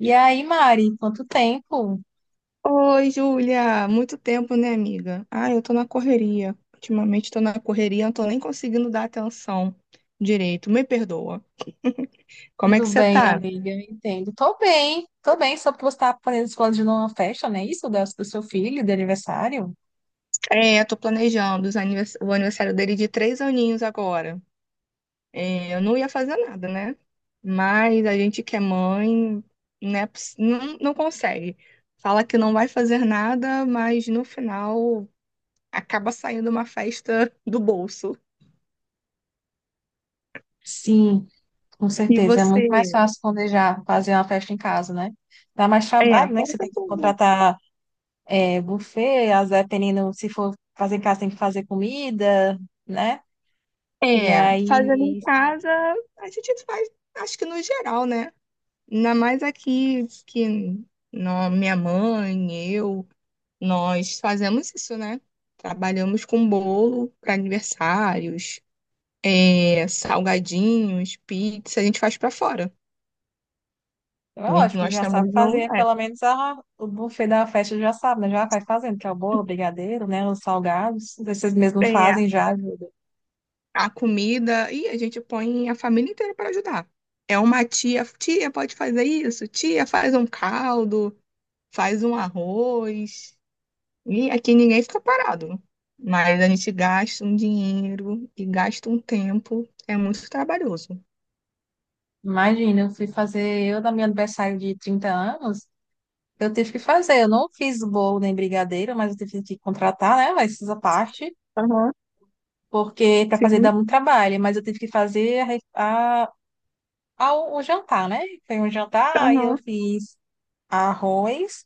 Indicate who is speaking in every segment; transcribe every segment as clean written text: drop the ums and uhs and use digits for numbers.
Speaker 1: E aí, Mari, quanto tempo?
Speaker 2: Oi, Júlia! Muito tempo, né, amiga? Ah, eu tô na correria. Ultimamente tô na correria, não tô nem conseguindo dar atenção direito. Me perdoa. Como é
Speaker 1: Tudo
Speaker 2: que você
Speaker 1: bem,
Speaker 2: tá?
Speaker 1: amiga? Eu entendo. Tô bem, só porque você tá planejando uma festa, não é isso? Do seu filho, de aniversário?
Speaker 2: É, tô planejando o aniversário dele de 3 aninhos agora. É, eu não ia fazer nada, né? Mas a gente que é mãe, né, não, não consegue. Fala que não vai fazer nada, mas no final acaba saindo uma festa do bolso.
Speaker 1: Sim, com
Speaker 2: E
Speaker 1: certeza. É muito
Speaker 2: você?
Speaker 1: mais fácil planejar, fazer uma festa em casa, né? Dá mais
Speaker 2: É,
Speaker 1: trabalho, né? Que você
Speaker 2: conta
Speaker 1: tem
Speaker 2: um
Speaker 1: que
Speaker 2: pouco.
Speaker 1: contratar buffet, às vezes, dependendo, se for fazer em casa, tem que fazer comida, né? E
Speaker 2: É, fazendo em
Speaker 1: aí,
Speaker 2: casa, a gente faz, acho que no geral, né? Ainda mais aqui que minha mãe, eu, nós fazemos isso, né? Trabalhamos com bolo para aniversários, salgadinhos, pizza, a gente faz para fora.
Speaker 1: é
Speaker 2: E
Speaker 1: ótimo,
Speaker 2: nós
Speaker 1: já sabe
Speaker 2: também não
Speaker 1: fazer, pelo menos o buffet da festa já sabe, né? Já vai fazendo, que é o bolo, o brigadeiro, né? Os salgados, vocês mesmos
Speaker 2: é, é,
Speaker 1: fazem já ajuda.
Speaker 2: a comida e a gente põe a família inteira para ajudar. É uma tia, tia pode fazer isso, tia faz um caldo, faz um arroz. E aqui ninguém fica parado. Mas a gente gasta um dinheiro e gasta um tempo. É muito trabalhoso.
Speaker 1: Imagina, eu fui fazer, eu, no meu aniversário de 30 anos, eu tive que fazer, eu não fiz bolo nem brigadeiro, mas eu tive que contratar, né? Mas essa parte,
Speaker 2: Aham,
Speaker 1: porque para fazer
Speaker 2: sim,
Speaker 1: dá muito trabalho, mas eu tive que fazer a, re- a- o jantar, né? Foi um jantar, aí eu
Speaker 2: aham.
Speaker 1: fiz arroz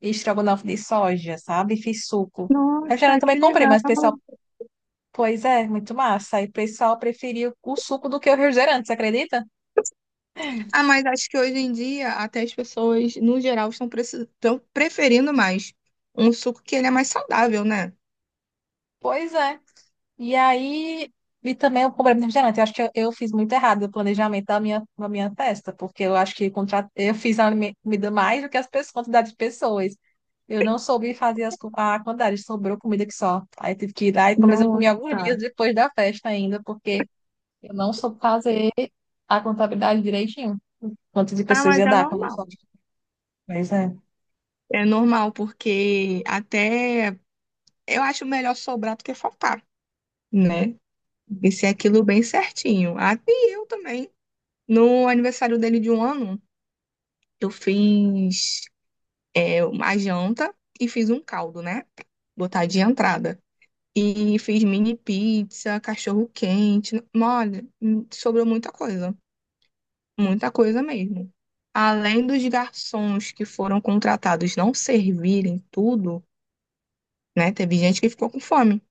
Speaker 1: e estrogonofe de soja, sabe? Fiz suco. Eu já
Speaker 2: Nossa,
Speaker 1: também
Speaker 2: que
Speaker 1: comprei,
Speaker 2: legal.
Speaker 1: mas o pessoal pois é, muito massa. Aí o pessoal preferiu o suco do que o refrigerante, você acredita?
Speaker 2: Ah, mas acho que hoje em dia até as pessoas, no geral, estão preferindo mais um suco que ele é mais saudável, né?
Speaker 1: Pois é. E aí, e também o problema do refrigerante. Eu acho que eu fiz muito errado o planejamento da minha festa, porque eu acho que eu fiz comida mais do que as pessoas, quantidade de pessoas. Eu não soube fazer a quantidade, sobrou comida que só. Aí tive que ir lá e pelo menos eu comi
Speaker 2: Nossa.
Speaker 1: alguns dias depois da festa ainda, porque eu não soube fazer a contabilidade direitinho. Quantas de
Speaker 2: Ah,
Speaker 1: pessoas
Speaker 2: mas
Speaker 1: ia
Speaker 2: é
Speaker 1: dar, como
Speaker 2: normal.
Speaker 1: só. Pois é.
Speaker 2: É normal, porque até eu acho melhor sobrar do que faltar, né? E ser aquilo bem certinho. Ah, e eu também. No aniversário dele de 1 ano, eu fiz uma janta e fiz um caldo, né? Botar de entrada. E fiz mini pizza, cachorro quente. Olha, sobrou muita coisa. Muita coisa mesmo. Além dos garçons que foram contratados não servirem tudo, né? Teve gente que ficou com fome.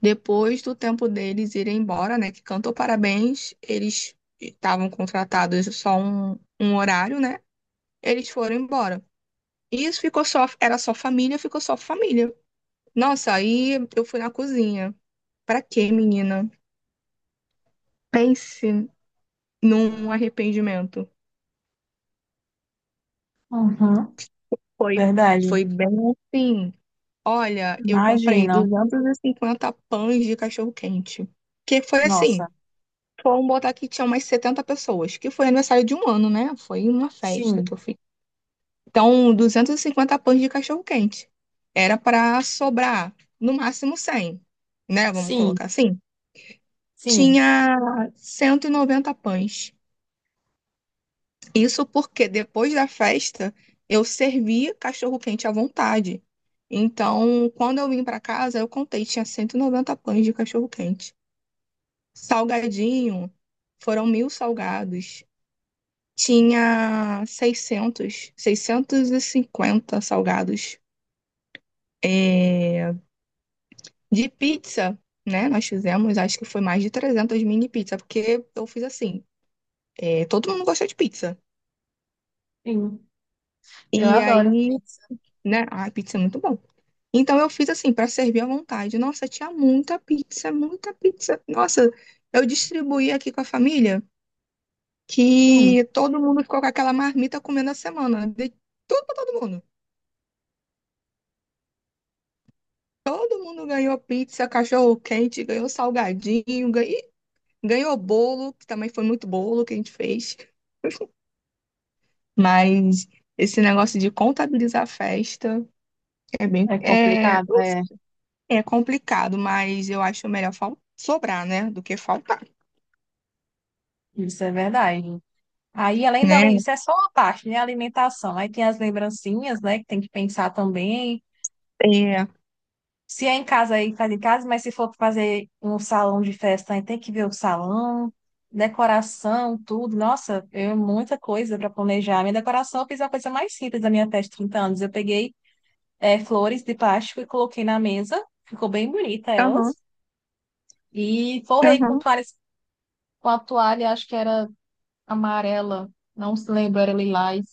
Speaker 2: Depois do tempo deles irem embora, né? Que cantou parabéns, eles estavam contratados só um horário, né? Eles foram embora. Isso ficou só, era só família, ficou só família. Nossa, aí eu fui na cozinha. Pra quê, menina? Pense num arrependimento.
Speaker 1: Uhum,
Speaker 2: Foi,
Speaker 1: verdade.
Speaker 2: foi bem assim. Olha, eu comprei
Speaker 1: Imagina.
Speaker 2: 250 pães de cachorro-quente. Que foi assim,
Speaker 1: Nossa.
Speaker 2: foram botar que tinha umas 70 pessoas, que foi aniversário de 1 ano, né? Foi uma festa que
Speaker 1: Sim,
Speaker 2: eu fiz. Então, 250 pães de cachorro-quente. Era para sobrar no máximo 100, né? Vamos
Speaker 1: sim,
Speaker 2: colocar assim.
Speaker 1: sim,
Speaker 2: Tinha 190 pães. Isso porque depois da festa eu servi cachorro-quente à vontade. Então, quando eu vim para casa, eu contei, tinha 190 pães de cachorro-quente. Salgadinho, foram 1.000 salgados. Tinha 650 salgados. É, de pizza, né? Nós fizemos, acho que foi mais de 300 mini pizza, porque eu fiz assim, é, todo mundo gosta de pizza.
Speaker 1: sim. Eu
Speaker 2: E
Speaker 1: adoro
Speaker 2: aí,
Speaker 1: pizza.
Speaker 2: né? Ai, pizza é muito bom. Então eu fiz assim, para servir à vontade. Nossa, tinha muita pizza, muita pizza. Nossa, eu distribuí aqui com a família
Speaker 1: Sim,
Speaker 2: que todo mundo ficou com aquela marmita comendo a semana. De tudo para todo mundo. Todo mundo ganhou pizza, cachorro quente, ganhou salgadinho, ganhou bolo, que também foi muito bolo que a gente fez. Mas esse negócio de contabilizar a festa é bem,
Speaker 1: é complicado. É,
Speaker 2: é complicado, mas eu acho melhor sobrar, né, do que faltar.
Speaker 1: isso é verdade. Aí, além da
Speaker 2: Né,
Speaker 1: lei, isso é só uma parte, né? Alimentação. Aí tem as lembrancinhas, né? Que tem que pensar também.
Speaker 2: é.
Speaker 1: Se é em casa, aí faz em casa, mas se for fazer um salão de festa, aí tem que ver o salão, decoração, tudo. Nossa, é muita coisa para planejar. Minha decoração, eu fiz uma coisa mais simples da minha festa de 30 anos. Eu peguei flores de plástico e coloquei na mesa. Ficou bem bonita
Speaker 2: Aham,
Speaker 1: elas. E forrei com
Speaker 2: aham.
Speaker 1: toalhas, com a toalha, acho que era amarela, não se lembro, era lilás.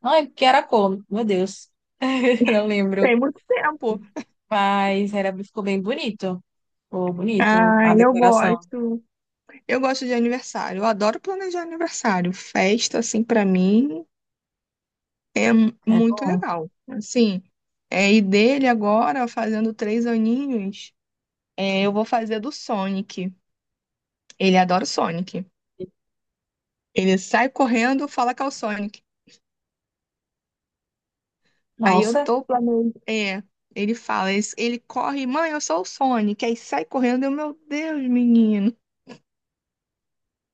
Speaker 1: Não é que era a cor, meu Deus. Não lembro.
Speaker 2: Tem muito tempo.
Speaker 1: Mas era, ficou bem bonito. Ficou bonito
Speaker 2: Ah,
Speaker 1: a
Speaker 2: eu
Speaker 1: decoração.
Speaker 2: gosto. Eu gosto de aniversário. Eu adoro planejar aniversário. Festa, assim, pra mim é
Speaker 1: É
Speaker 2: muito
Speaker 1: bom.
Speaker 2: legal. Assim, é, e dele agora, fazendo 3 aninhos, é, eu vou fazer do Sonic. Ele adora o Sonic. Ele sai correndo, fala que é o Sonic. Aí eu
Speaker 1: Nossa,
Speaker 2: tô planejando. É, ele fala, ele corre, mãe, eu sou o Sonic. Aí sai correndo, eu, meu Deus, menino.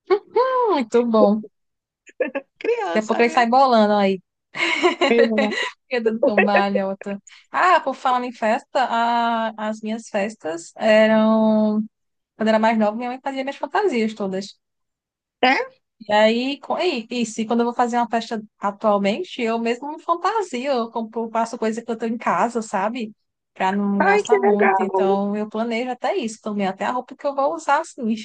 Speaker 1: muito bom. Daqui a
Speaker 2: Criança,
Speaker 1: pouco ele sai
Speaker 2: né?
Speaker 1: bolando aí.
Speaker 2: É?
Speaker 1: Fica dando tombalha, outra. Ah, por falar em festa, as minhas festas eram quando eu era mais nova, minha mãe fazia minhas fantasias todas. E aí, e quando eu vou fazer uma festa atualmente, eu mesmo me fantasio, eu compro, faço coisa que eu tenho em casa, sabe? Pra não
Speaker 2: Ai,
Speaker 1: gastar
Speaker 2: que
Speaker 1: muito.
Speaker 2: legal.
Speaker 1: Então, eu planejo até isso também, até a roupa que eu vou usar, assim.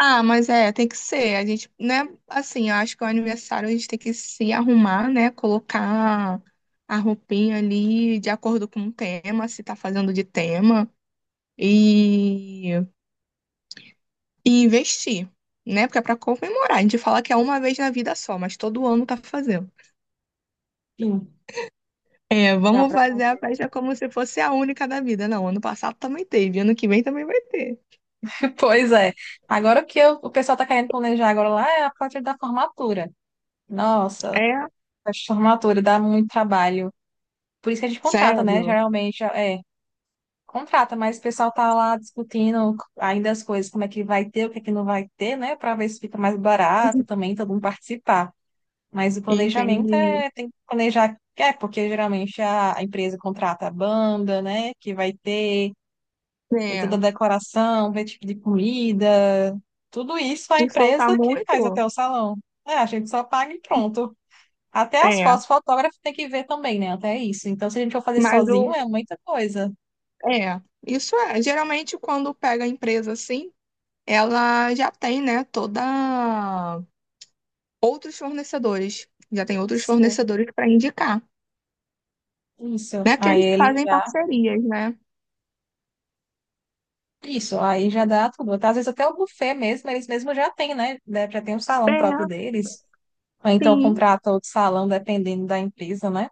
Speaker 2: Ah, mas é, tem que ser. A gente, né? Assim, eu acho que o aniversário a gente tem que se arrumar, né? Colocar a roupinha ali de acordo com o tema, se tá fazendo de tema, e, e investir, né? Porque é pra comemorar. A gente fala que é uma vez na vida só, mas todo ano tá fazendo.
Speaker 1: Enfim,
Speaker 2: É,
Speaker 1: dá
Speaker 2: vamos
Speaker 1: pra
Speaker 2: fazer a
Speaker 1: fazer.
Speaker 2: festa como se fosse a única da vida. Não, ano passado também teve, ano que vem também vai ter.
Speaker 1: Pois é. Agora o pessoal tá querendo planejar agora lá é a parte da formatura. Nossa,
Speaker 2: É,
Speaker 1: a formatura dá muito trabalho. Por isso que a gente contrata, né?
Speaker 2: sério.
Speaker 1: Geralmente, é. Contrata, mas o pessoal tá lá discutindo ainda as coisas, como é que vai ter, o que é que não vai ter, né? Para ver se fica mais barato também, todo mundo participar. Mas o planejamento
Speaker 2: Entendi.
Speaker 1: é, tem que planejar, é, porque geralmente a empresa contrata a banda, né? Que vai ter, e toda a
Speaker 2: É.
Speaker 1: decoração, ver tipo de comida, tudo isso a
Speaker 2: E faltar
Speaker 1: empresa que faz
Speaker 2: muito?
Speaker 1: até o salão. É, a gente só paga e pronto. Até as
Speaker 2: É.
Speaker 1: fotos, fotógrafo tem que ver também, né? Até isso. Então, se a gente for fazer
Speaker 2: Mas
Speaker 1: sozinho,
Speaker 2: o.
Speaker 1: é muita coisa.
Speaker 2: É. Isso é. Geralmente, quando pega a empresa assim, ela já tem, né, toda. Outros fornecedores. Já tem outros
Speaker 1: Sim.
Speaker 2: fornecedores para indicar.
Speaker 1: Isso.
Speaker 2: Não é que
Speaker 1: Aí
Speaker 2: eles
Speaker 1: ele
Speaker 2: fazem
Speaker 1: já.
Speaker 2: parcerias, né?
Speaker 1: Isso, aí já dá tudo. Às vezes até o buffet mesmo, eles mesmos já têm, né? Né, já tem um salão próprio
Speaker 2: É,
Speaker 1: deles. Ou então
Speaker 2: sim.
Speaker 1: contrata outro salão, dependendo da empresa, né?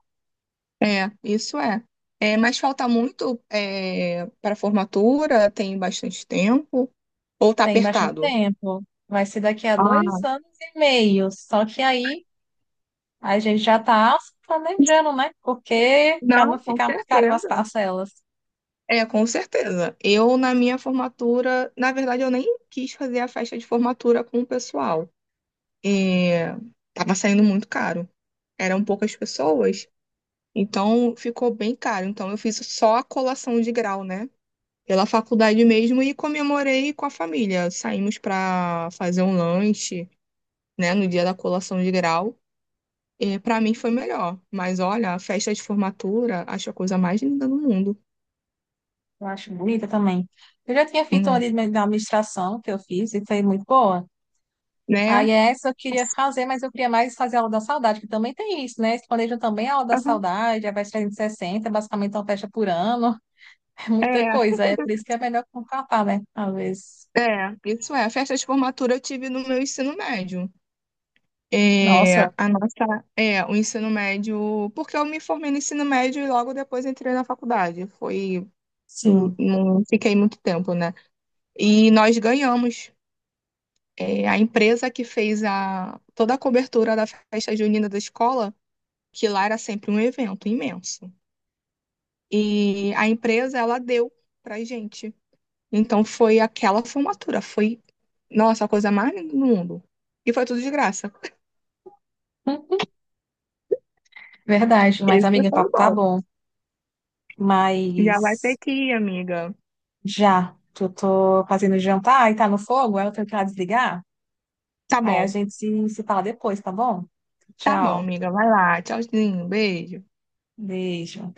Speaker 2: É, isso é. É, mas falta muito é, para formatura, tem bastante tempo. Ou tá
Speaker 1: Tem bastante
Speaker 2: apertado?
Speaker 1: tempo. Vai ser daqui a dois
Speaker 2: Ah,
Speaker 1: anos e meio. Só que aí a gente já está planejando, né? Porque para
Speaker 2: não,
Speaker 1: não
Speaker 2: com
Speaker 1: ficar muito caro as
Speaker 2: certeza.
Speaker 1: parcelas.
Speaker 2: É, com certeza. Eu, na minha formatura, na verdade, eu nem quis fazer a festa de formatura com o pessoal. É, tava saindo muito caro. Eram poucas pessoas, então ficou bem caro. Então eu fiz só a colação de grau, né? Pela faculdade mesmo e comemorei com a família. Saímos para fazer um lanche, né, no dia da colação de grau. E para mim foi melhor. Mas olha, a festa de formatura, acho a coisa mais linda do mundo.
Speaker 1: Eu acho bonita também. Eu já tinha feito uma
Speaker 2: Uhum.
Speaker 1: de administração que eu fiz e foi muito boa. Aí
Speaker 2: Né?
Speaker 1: essa eu queria fazer, mas eu queria mais fazer a aula da saudade, que também tem isso, né? Eles planejam também a aula da
Speaker 2: Aham.
Speaker 1: saudade, a festa 360, basicamente é uma festa por ano, é muita
Speaker 2: É.
Speaker 1: coisa. É por isso que é melhor contratar, né? Às vezes.
Speaker 2: É, isso é. A festa de formatura eu tive no meu ensino médio. É,
Speaker 1: Nossa,
Speaker 2: a nossa, é, o ensino médio, porque eu me formei no ensino médio e logo depois entrei na faculdade. Foi,
Speaker 1: sim.
Speaker 2: não fiquei muito tempo, né? E nós ganhamos. É, a empresa que fez a, toda a cobertura da festa junina da escola, que lá era sempre um evento imenso. E a empresa, ela deu pra gente. Então foi aquela formatura, foi, nossa, a coisa mais linda do mundo. E foi tudo de graça.
Speaker 1: Verdade, mas
Speaker 2: Esse
Speaker 1: amiga, o
Speaker 2: foi o
Speaker 1: papo tá
Speaker 2: bom.
Speaker 1: bom.
Speaker 2: Já vai ter
Speaker 1: Mas
Speaker 2: que ir, amiga.
Speaker 1: já, que eu tô fazendo jantar e tá no fogo, aí eu tenho que ir lá desligar.
Speaker 2: Tá
Speaker 1: Aí a
Speaker 2: bom.
Speaker 1: gente se fala depois, tá bom?
Speaker 2: Tá bom,
Speaker 1: Tchau,
Speaker 2: amiga. Vai lá. Tchauzinho. Beijo.
Speaker 1: beijo.